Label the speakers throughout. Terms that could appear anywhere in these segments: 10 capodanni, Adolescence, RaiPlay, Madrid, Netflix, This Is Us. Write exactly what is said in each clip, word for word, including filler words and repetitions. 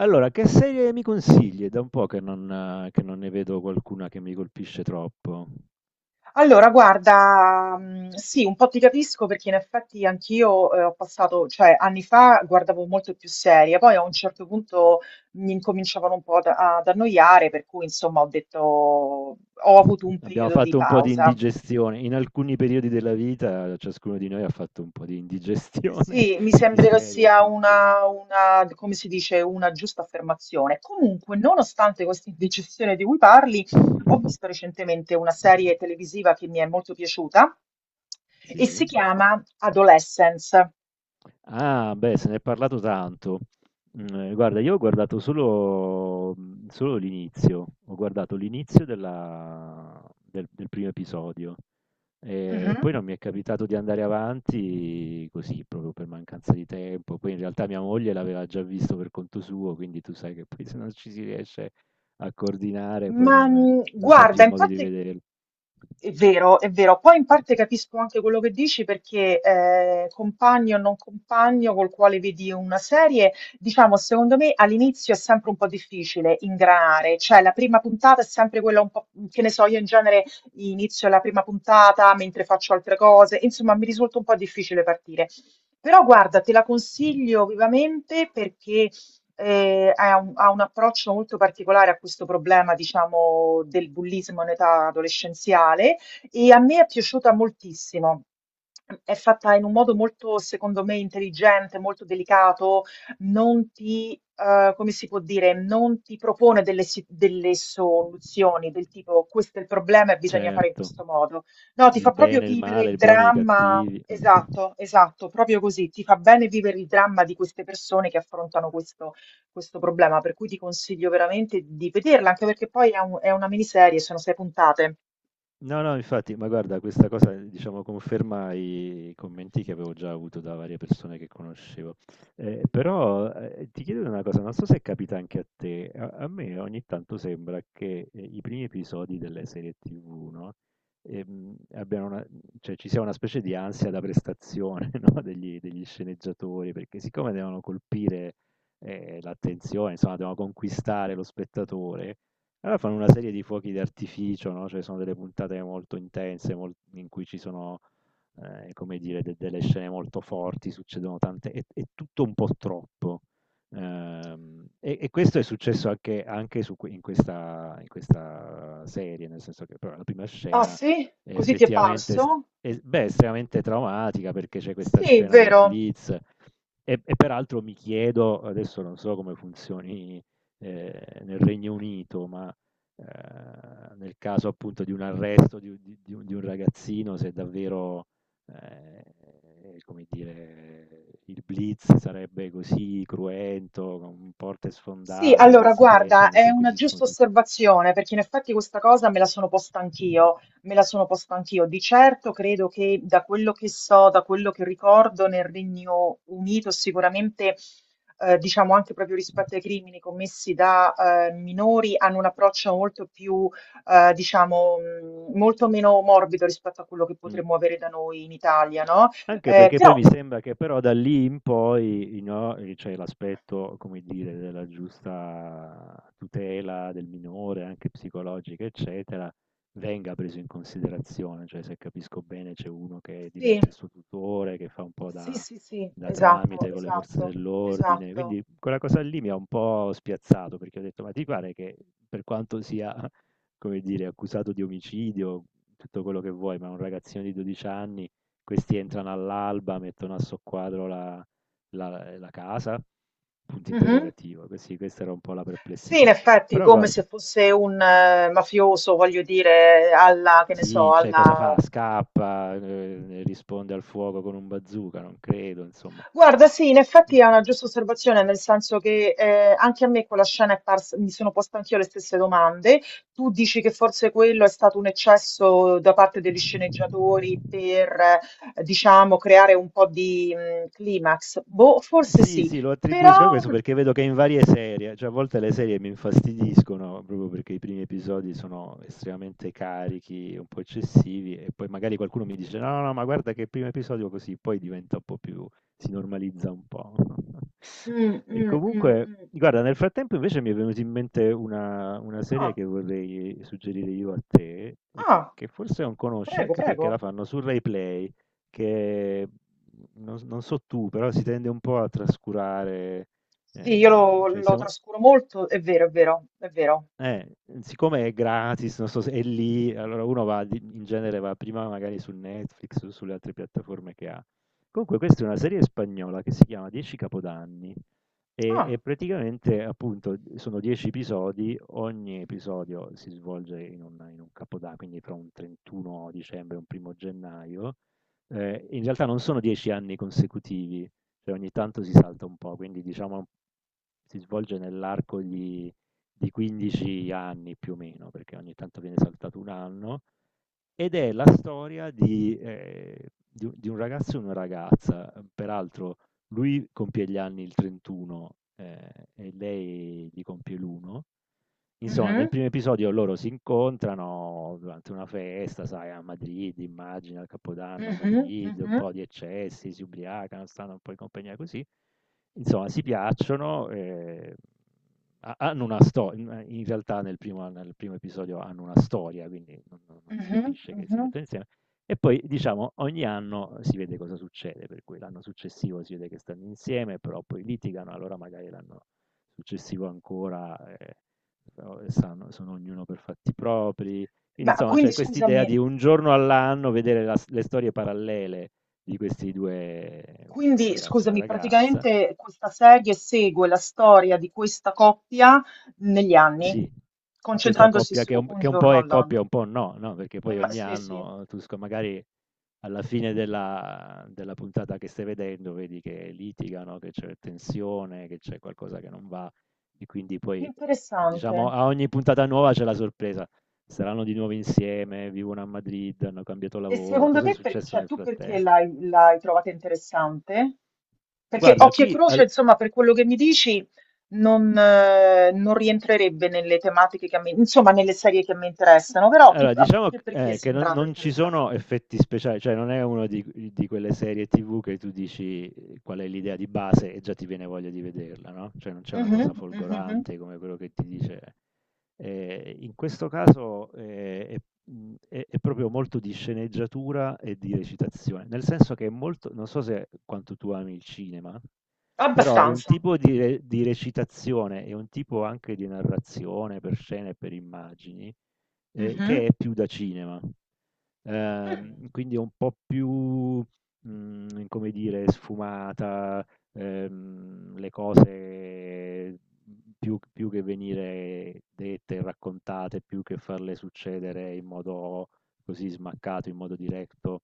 Speaker 1: Allora, che serie mi consigli? È da un po' che non, eh, che non ne vedo qualcuna che mi colpisce troppo.
Speaker 2: Allora, guarda, mhmm, sì, un po' ti capisco perché in effetti anch'io, ehm, ho passato cioè anni fa guardavo molto più serie, poi a un certo punto mi incominciavano un po' ad ad annoiare, per cui insomma ho detto ho avuto un
Speaker 1: Abbiamo
Speaker 2: periodo di
Speaker 1: fatto un po' di
Speaker 2: pausa.
Speaker 1: indigestione. In alcuni periodi della vita, ciascuno di noi ha fatto un po' di indigestione
Speaker 2: Sì, mi
Speaker 1: di
Speaker 2: sembra che
Speaker 1: serie
Speaker 2: sia
Speaker 1: tivù.
Speaker 2: una, una- come si dice, una giusta affermazione. Comunque, nonostante questa indecisione di cui parli, ho visto recentemente una serie televisiva che mi è molto piaciuta e si
Speaker 1: Sì.
Speaker 2: chiama Adolescence.
Speaker 1: Ah, beh, se ne è parlato tanto. Mm, eh, Guarda, io ho guardato solo, mm, solo l'inizio. Ho guardato l'inizio della- del del primo episodio. Ehm,
Speaker 2: Mhm.
Speaker 1: poi non mi è capitato di andare avanti così, proprio per mancanza di tempo. Poi in realtà mia moglie l'aveva già visto per conto suo, quindi tu sai che poi se non ci si riesce a coordinare, poi
Speaker 2: Ma,
Speaker 1: non
Speaker 2: mhmm,
Speaker 1: non si ha
Speaker 2: guarda,
Speaker 1: più
Speaker 2: in
Speaker 1: modo di
Speaker 2: parte
Speaker 1: vederlo.
Speaker 2: è vero, è vero. Poi in parte capisco anche quello che dici perché, ehm, compagno o non compagno col quale vedi una serie, diciamo secondo me all'inizio è sempre un po' difficile ingranare, cioè la prima puntata è sempre quella un po' che ne so, io in genere inizio la prima puntata mentre faccio altre cose, insomma mi risulta un po' difficile partire. Però guarda, te la consiglio vivamente perché eh, ha un, ha un approccio molto particolare a questo problema, diciamo, del bullismo in età adolescenziale e a me è piaciuta moltissimo. È fatta in un modo molto, secondo me, intelligente, molto delicato, non ti, eh, come si può dire, non ti propone delle, si- delle soluzioni del tipo questo è il problema e bisogna fare in
Speaker 1: Certo,
Speaker 2: questo modo. No, ti fa
Speaker 1: il
Speaker 2: proprio
Speaker 1: bene, il
Speaker 2: vivere
Speaker 1: male,
Speaker 2: il
Speaker 1: i buoni e i
Speaker 2: dramma,
Speaker 1: cattivi. Mh-mh-mh.
Speaker 2: esatto, esatto, proprio così, ti fa bene vivere il dramma di queste persone che affrontano questo questo problema, per cui ti consiglio veramente di vederla, anche perché poi è, un- è una miniserie, sono sei puntate.
Speaker 1: No, no, infatti, ma guarda, questa cosa, diciamo, conferma i commenti che avevo già avuto da varie persone che conoscevo. Eh, però eh, ti chiedo una cosa, non so se capita anche a te, a, a me ogni tanto sembra che eh, i primi episodi delle serie tivù, no? Ehm, abbiano una, cioè, ci sia una specie di ansia da prestazione, no? Degli, degli sceneggiatori, perché siccome devono colpire eh, l'attenzione, insomma, devono conquistare lo spettatore, allora fanno una serie di fuochi d'artificio, no? Cioè sono delle puntate molto intense, mol- in cui ci sono, eh, come dire, de- delle scene molto forti, succedono tante, è, è tutto un po' troppo. Ehm, e, e questo è successo anche, anche su que- in questa, in questa serie, nel senso che però, la prima
Speaker 2: Ah,
Speaker 1: scena
Speaker 2: sì?
Speaker 1: è
Speaker 2: Così ti è
Speaker 1: effettivamente est-
Speaker 2: parso?
Speaker 1: è, beh, estremamente traumatica perché c'è questa
Speaker 2: Sì,
Speaker 1: scena del
Speaker 2: vero.
Speaker 1: blitz. E e peraltro mi chiedo, adesso non so come funzioni eh, nel Regno Unito, ma Ehm, nel caso appunto di un arresto di u di di un di un ragazzino, se davvero, ehm, come dire, il blitz sarebbe così cruento, con porte
Speaker 2: Sì,
Speaker 1: sfondate,
Speaker 2: allora
Speaker 1: questi che
Speaker 2: guarda,
Speaker 1: entrano e
Speaker 2: è una
Speaker 1: perquisiscono
Speaker 2: giusta
Speaker 1: tutto.
Speaker 2: osservazione perché in effetti questa cosa me la sono posta anch'io, me la sono posta anch'io. Di certo credo che da quello che so, da quello che ricordo nel Regno Unito sicuramente, eh, diciamo anche proprio rispetto ai crimini commessi da eh, minori, hanno un approccio molto più, eh, diciamo, mh, molto meno morbido rispetto a quello che
Speaker 1: Mh. Mh.
Speaker 2: potremmo avere da noi in Italia, no?
Speaker 1: Anche
Speaker 2: Eh,
Speaker 1: perché poi
Speaker 2: però
Speaker 1: mi
Speaker 2: sì,
Speaker 1: sembra che però da lì in poi no, c'è l'aspetto, come dire, della giusta tutela del minore, anche psicologica, eccetera, venga preso in considerazione. Cioè, se capisco bene, c'è uno che diventa il suo tutore, che fa un po'
Speaker 2: sì,
Speaker 1: da,
Speaker 2: sì, sì,
Speaker 1: da
Speaker 2: esatto,
Speaker 1: tramite con le forze
Speaker 2: esatto,
Speaker 1: dell'ordine.
Speaker 2: esatto.
Speaker 1: Quindi quella cosa lì mi ha un po' spiazzato, perché ho detto, ma ti pare che per quanto sia, come dire, accusato di omicidio, tutto quello che vuoi, ma un ragazzino di 12 anni questi entrano all'alba, mettono a soqquadro la la la casa? Punto
Speaker 2: Mh-mh.
Speaker 1: interrogativo. Que sì, questa era un po' la
Speaker 2: Sì, in
Speaker 1: perplessità.
Speaker 2: effetti,
Speaker 1: Però
Speaker 2: come
Speaker 1: guarda,
Speaker 2: se fosse un eh, mafioso, voglio dire, alla, che ne so,
Speaker 1: sì, cioè cosa fa?
Speaker 2: alla.
Speaker 1: Scappa, ehm, risponde al fuoco con un bazooka? Non credo, insomma.
Speaker 2: Guarda, sì, in effetti è una giusta osservazione, nel senso che, ehm, anche a me quella scena è pars mi sono posta anch'io le stesse domande. Tu dici che forse quello è stato un eccesso da parte degli sceneggiatori per, eh, diciamo, creare un po' di, mhmm, climax. Boh, forse
Speaker 1: Sì,
Speaker 2: sì,
Speaker 1: sì, lo attribuisco a
Speaker 2: però
Speaker 1: questo perché vedo che in varie serie, cioè a volte le serie mi infastidiscono proprio perché i primi episodi sono estremamente carichi, un po' eccessivi, e poi magari qualcuno mi dice no, no, no, ma guarda che il primo episodio così, poi diventa un po' più, si normalizza un po'.
Speaker 2: mh,
Speaker 1: E
Speaker 2: mh, mh,
Speaker 1: comunque,
Speaker 2: mh.
Speaker 1: guarda, nel frattempo invece mi è venuta in mente una, una serie
Speaker 2: Ah,
Speaker 1: che vorrei suggerire io a te e
Speaker 2: ah,
Speaker 1: che forse non conosci
Speaker 2: prego,
Speaker 1: anche perché
Speaker 2: prego.
Speaker 1: la fanno su RaiPlay, che non non so tu, però si tende un po' a trascurare.
Speaker 2: Sì, io
Speaker 1: ehm,
Speaker 2: lo,
Speaker 1: cioè
Speaker 2: lo
Speaker 1: siamo
Speaker 2: trascuro molto, è vero, è vero, è vero.
Speaker 1: eh, siccome è gratis, non so se è lì, allora uno va di in genere va prima magari su Netflix o sulle altre piattaforme che ha. Comunque questa è una serie spagnola che si chiama 10 capodanni. E
Speaker 2: Ah,
Speaker 1: e praticamente, appunto, sono 10 episodi, ogni episodio si svolge in un in un capoda quindi fra un 31 dicembre e un primo gennaio. Ehm, in realtà non sono 10 anni consecutivi, cioè ogni tanto si salta un po', quindi diciamo si svolge nell'arco di di 15 anni più o meno, perché ogni tanto viene saltato 1 anno, ed è la storia di, ehm, di u di un ragazzo e una ragazza, ehm, peraltro lui compie gli anni il trentuno, ehm, e lei li compie l'uno. Insomma, nel
Speaker 2: mhm,
Speaker 1: primo episodio loro si incontrano durante una festa, sai, a Madrid, immagina, il Capodanno a
Speaker 2: mhm,
Speaker 1: Madrid, un
Speaker 2: mhm,
Speaker 1: po' di eccessi, si ubriacano, stanno un po' in compagnia così. Insomma, si piacciono, ehm, ha hanno una sto in in realtà nel primo nel primo episodio hanno una storia, quindi non non non si
Speaker 2: mhm,
Speaker 1: capisce che si
Speaker 2: mhm.
Speaker 1: mettono insieme, e poi diciamo ogni anno si vede cosa succede, per cui l'anno successivo si vede che stanno insieme, però poi litigano, allora magari l'anno successivo ancora, ehm, però sanno sono ognuno per fatti propri. Quindi
Speaker 2: Ma
Speaker 1: insomma
Speaker 2: quindi
Speaker 1: c'è quest'idea
Speaker 2: scusami,
Speaker 1: di un giorno all'anno vedere la s le storie parallele di questi due, un
Speaker 2: quindi
Speaker 1: ragazzo e una
Speaker 2: scusami,
Speaker 1: ragazza.
Speaker 2: praticamente questa serie segue la storia di questa coppia negli anni,
Speaker 1: Sì, questa
Speaker 2: concentrandosi
Speaker 1: coppia che
Speaker 2: su
Speaker 1: un
Speaker 2: un
Speaker 1: che un po'
Speaker 2: giorno
Speaker 1: è coppia e
Speaker 2: all'anno.
Speaker 1: un po' no, no, perché
Speaker 2: Eh,
Speaker 1: poi
Speaker 2: ma-
Speaker 1: ogni
Speaker 2: Sì, sì,
Speaker 1: anno tu sc magari alla fine della della puntata che stai vedendo vedi che litigano, che c'è tensione, che c'è qualcosa che non va, e quindi poi,
Speaker 2: interessante.
Speaker 1: diciamo, a ogni puntata nuova c'è la sorpresa. Saranno di nuovo insieme, vivono a Madrid, hanno cambiato
Speaker 2: E
Speaker 1: lavoro,
Speaker 2: secondo
Speaker 1: cos'è
Speaker 2: te, per-
Speaker 1: successo
Speaker 2: cioè,
Speaker 1: nel
Speaker 2: tu perché
Speaker 1: frattempo?
Speaker 2: l'hai l'hai trovata interessante? Perché
Speaker 1: Guarda
Speaker 2: Occhio e
Speaker 1: qui
Speaker 2: Croce,
Speaker 1: al
Speaker 2: insomma, per quello che mi dici, non, eh, non rientrerebbe nelle tematiche che a me, insomma, nelle serie che a me interessano, però tu
Speaker 1: Allora,
Speaker 2: a
Speaker 1: diciamo
Speaker 2: te perché è
Speaker 1: eh, che non,
Speaker 2: sembrato
Speaker 1: non ci
Speaker 2: interessante?
Speaker 1: sono effetti speciali, cioè non è una di, di quelle serie tivù che tu dici eh, qual è l'idea di base e già ti viene voglia di vederla, no? Cioè non c'è una cosa
Speaker 2: Mhm, mhm, mhm.
Speaker 1: folgorante come quello che ti dice. Eh, in questo caso eh, è, mh, è- è proprio molto di sceneggiatura e di recitazione, nel senso che è molto, non so se quanto tu ami il cinema, però è un
Speaker 2: Abbastanza.
Speaker 1: tipo di, re- di recitazione, è un tipo anche di narrazione per scene e per immagini, ehm,
Speaker 2: Mhm.
Speaker 1: che è più da cinema.
Speaker 2: Mm,
Speaker 1: Ehm, quindi è un po' più, mhmm, come dire, sfumata, ehm, le cose più più che venire dette e raccontate, più che farle succedere in modo così smaccato, in modo diretto,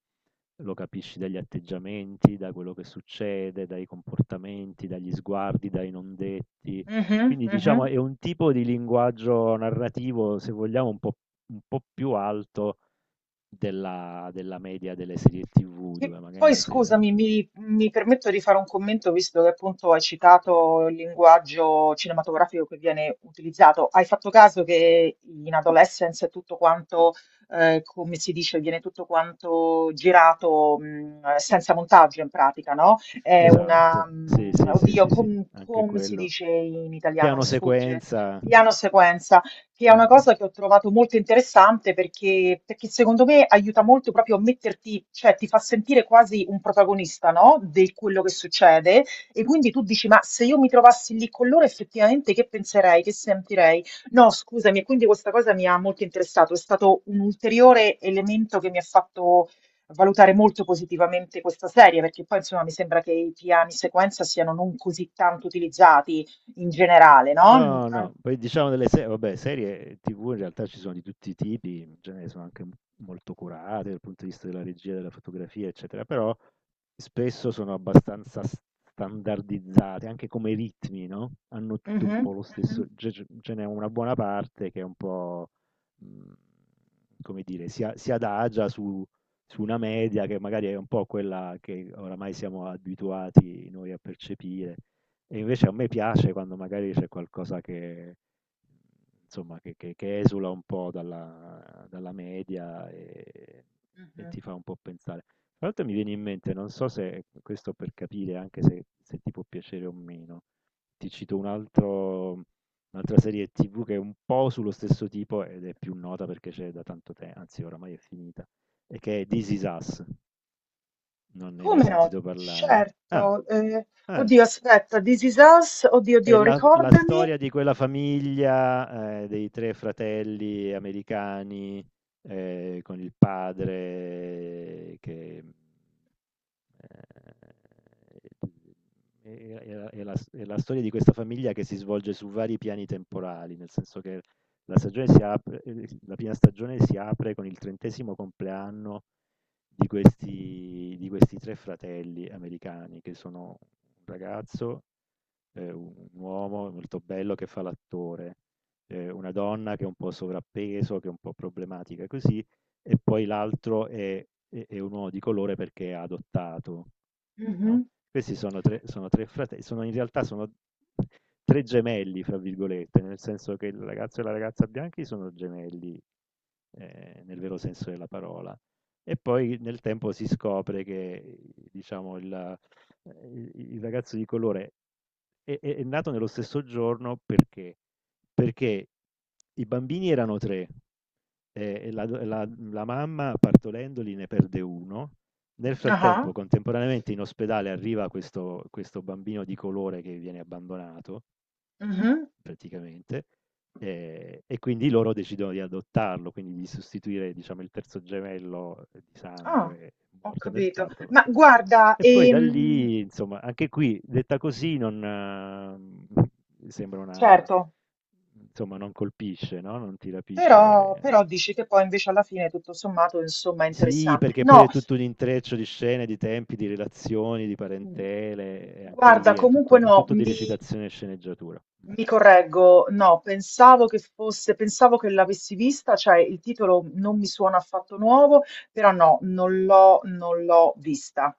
Speaker 1: lo capisci dagli atteggiamenti, da quello che succede, dai comportamenti, dagli sguardi, dai non detti.
Speaker 2: mhm,
Speaker 1: Quindi diciamo
Speaker 2: mhm.
Speaker 1: è un tipo di linguaggio narrativo, se vogliamo, un po' un po' più alto della della media delle serie tivù,
Speaker 2: Che
Speaker 1: dove
Speaker 2: poi
Speaker 1: magari se alc
Speaker 2: scusami, mi, mi permetto di fare un commento visto che appunto hai citato il linguaggio cinematografico che viene utilizzato. Hai fatto caso che in Adolescence è tutto quanto, eh, come si dice, viene tutto quanto girato mh, senza montaggio in pratica, no? È una,
Speaker 1: esatto, sì,
Speaker 2: mh,
Speaker 1: sì, sì,
Speaker 2: oddio,
Speaker 1: sì, sì,
Speaker 2: com-
Speaker 1: anche
Speaker 2: come si
Speaker 1: quello.
Speaker 2: dice in italiano? Mi
Speaker 1: Piano
Speaker 2: sfugge.
Speaker 1: sequenza.
Speaker 2: Piano sequenza, che è una
Speaker 1: Mh.
Speaker 2: cosa che ho trovato molto interessante perché, perché secondo me aiuta molto proprio a metterti, cioè ti fa sentire quasi un protagonista, no? Di quello che succede, e quindi tu dici, ma se io mi trovassi lì con loro effettivamente, che penserei, che sentirei? No, scusami, e quindi questa cosa mi ha molto interessato, è stato un ulteriore elemento che mi ha fatto valutare molto positivamente questa serie, perché poi insomma mi sembra che i piani sequenza siano non così tanto utilizzati in generale, no? Mm,
Speaker 1: No,
Speaker 2: an-
Speaker 1: no, poi diciamo delle serie, vabbè, serie ti vu in realtà ci sono di tutti i tipi, in genere sono anche m- molto curate dal punto di vista della regia, della fotografia, eccetera, però spesso sono abbastanza s- standardizzate, anche come ritmi, no? Hanno tutte un
Speaker 2: mhm,
Speaker 1: po' lo stesso,
Speaker 2: mhm.
Speaker 1: ce ce- ce n'è una buona parte che è un po', mh, come dire, si, a- si adagia su, su una media che magari è un po' quella che oramai siamo abituati noi a percepire. E invece a me piace quando magari c'è qualcosa che, insomma, che, che- che esula un po' dalla, dalla media, e, e
Speaker 2: Mh-mh.
Speaker 1: ti fa un po' pensare. Tra l'altro mi viene in mente, non so se questo per capire anche se, se ti può piacere o meno, ti cito un altro- un'altra serie tivù che è un po' sullo stesso tipo ed è più nota perché c'è da tanto tempo, anzi oramai è finita, e che è This Is Us, non ne hai
Speaker 2: Come
Speaker 1: mai
Speaker 2: no?
Speaker 1: sentito parlare? Ah,
Speaker 2: Certo, ehm,
Speaker 1: eh.
Speaker 2: oddio aspetta, This Is Us, oddio,
Speaker 1: È
Speaker 2: oddio,
Speaker 1: la la
Speaker 2: ricordami.
Speaker 1: storia di quella famiglia, ehm, dei tre fratelli americani, ehm, con il padre che, mhmm, ehm, è è è la è la s è la storia di questa famiglia che si svolge su vari piani temporali, nel senso che la stagione si apre ehm, la prima stagione si apre con il trentesimo° compleanno di questi di questi tre fratelli americani che sono un ragazzo, eh, un un uomo molto bello che fa l'attore, eh, una donna che è un po' sovrappeso, che è un po' problematica così, e poi l'altro è, è- è un uomo di colore perché è adottato,
Speaker 2: Mh-mh.
Speaker 1: no? Questi sono tre, sono tre fratelli, sono, in realtà sono tre gemelli, fra virgolette, nel senso che il ragazzo e la ragazza bianchi sono gemelli, eh, nel vero senso della parola. E poi nel tempo si scopre che, diciamo, il, eh, il- il ragazzo di colore è è è nato nello stesso giorno perché? Perché i bambini erano tre, e e la do la la mamma partorendoli ne perde uno. Nel
Speaker 2: Ah-ah.
Speaker 1: frattempo, contemporaneamente in ospedale arriva questo questo bambino di colore che viene abbandonato,
Speaker 2: Mh-mh.
Speaker 1: praticamente. Ehm, e quindi loro decidono di adottarlo, quindi di sostituire, diciamo, il terzo gemello eh, di
Speaker 2: Ah,
Speaker 1: sangue,
Speaker 2: ho
Speaker 1: morto nel
Speaker 2: capito.
Speaker 1: parto, con
Speaker 2: Ma
Speaker 1: que
Speaker 2: guarda,
Speaker 1: e poi da
Speaker 2: ehm
Speaker 1: lì, insomma, anche qui detta così non mhmm, sembra una,
Speaker 2: certo,
Speaker 1: insomma non colpisce, no, non ti
Speaker 2: però
Speaker 1: rapisce.
Speaker 2: però dici che poi invece alla fine tutto sommato, insomma, è
Speaker 1: Sì,
Speaker 2: interessante.
Speaker 1: perché poi
Speaker 2: No,
Speaker 1: è tutto un intreccio di scene, di tempi, di relazioni, di
Speaker 2: mhmm,
Speaker 1: parentele, e anche
Speaker 2: guarda
Speaker 1: lì è
Speaker 2: comunque
Speaker 1: tutto è
Speaker 2: no,
Speaker 1: tutto di
Speaker 2: mi
Speaker 1: recitazione e sceneggiatura.
Speaker 2: Mi correggo, no, pensavo che fosse, pensavo che l'avessi vista, cioè il titolo non mi suona affatto nuovo, però no, non l'ho non l'ho vista.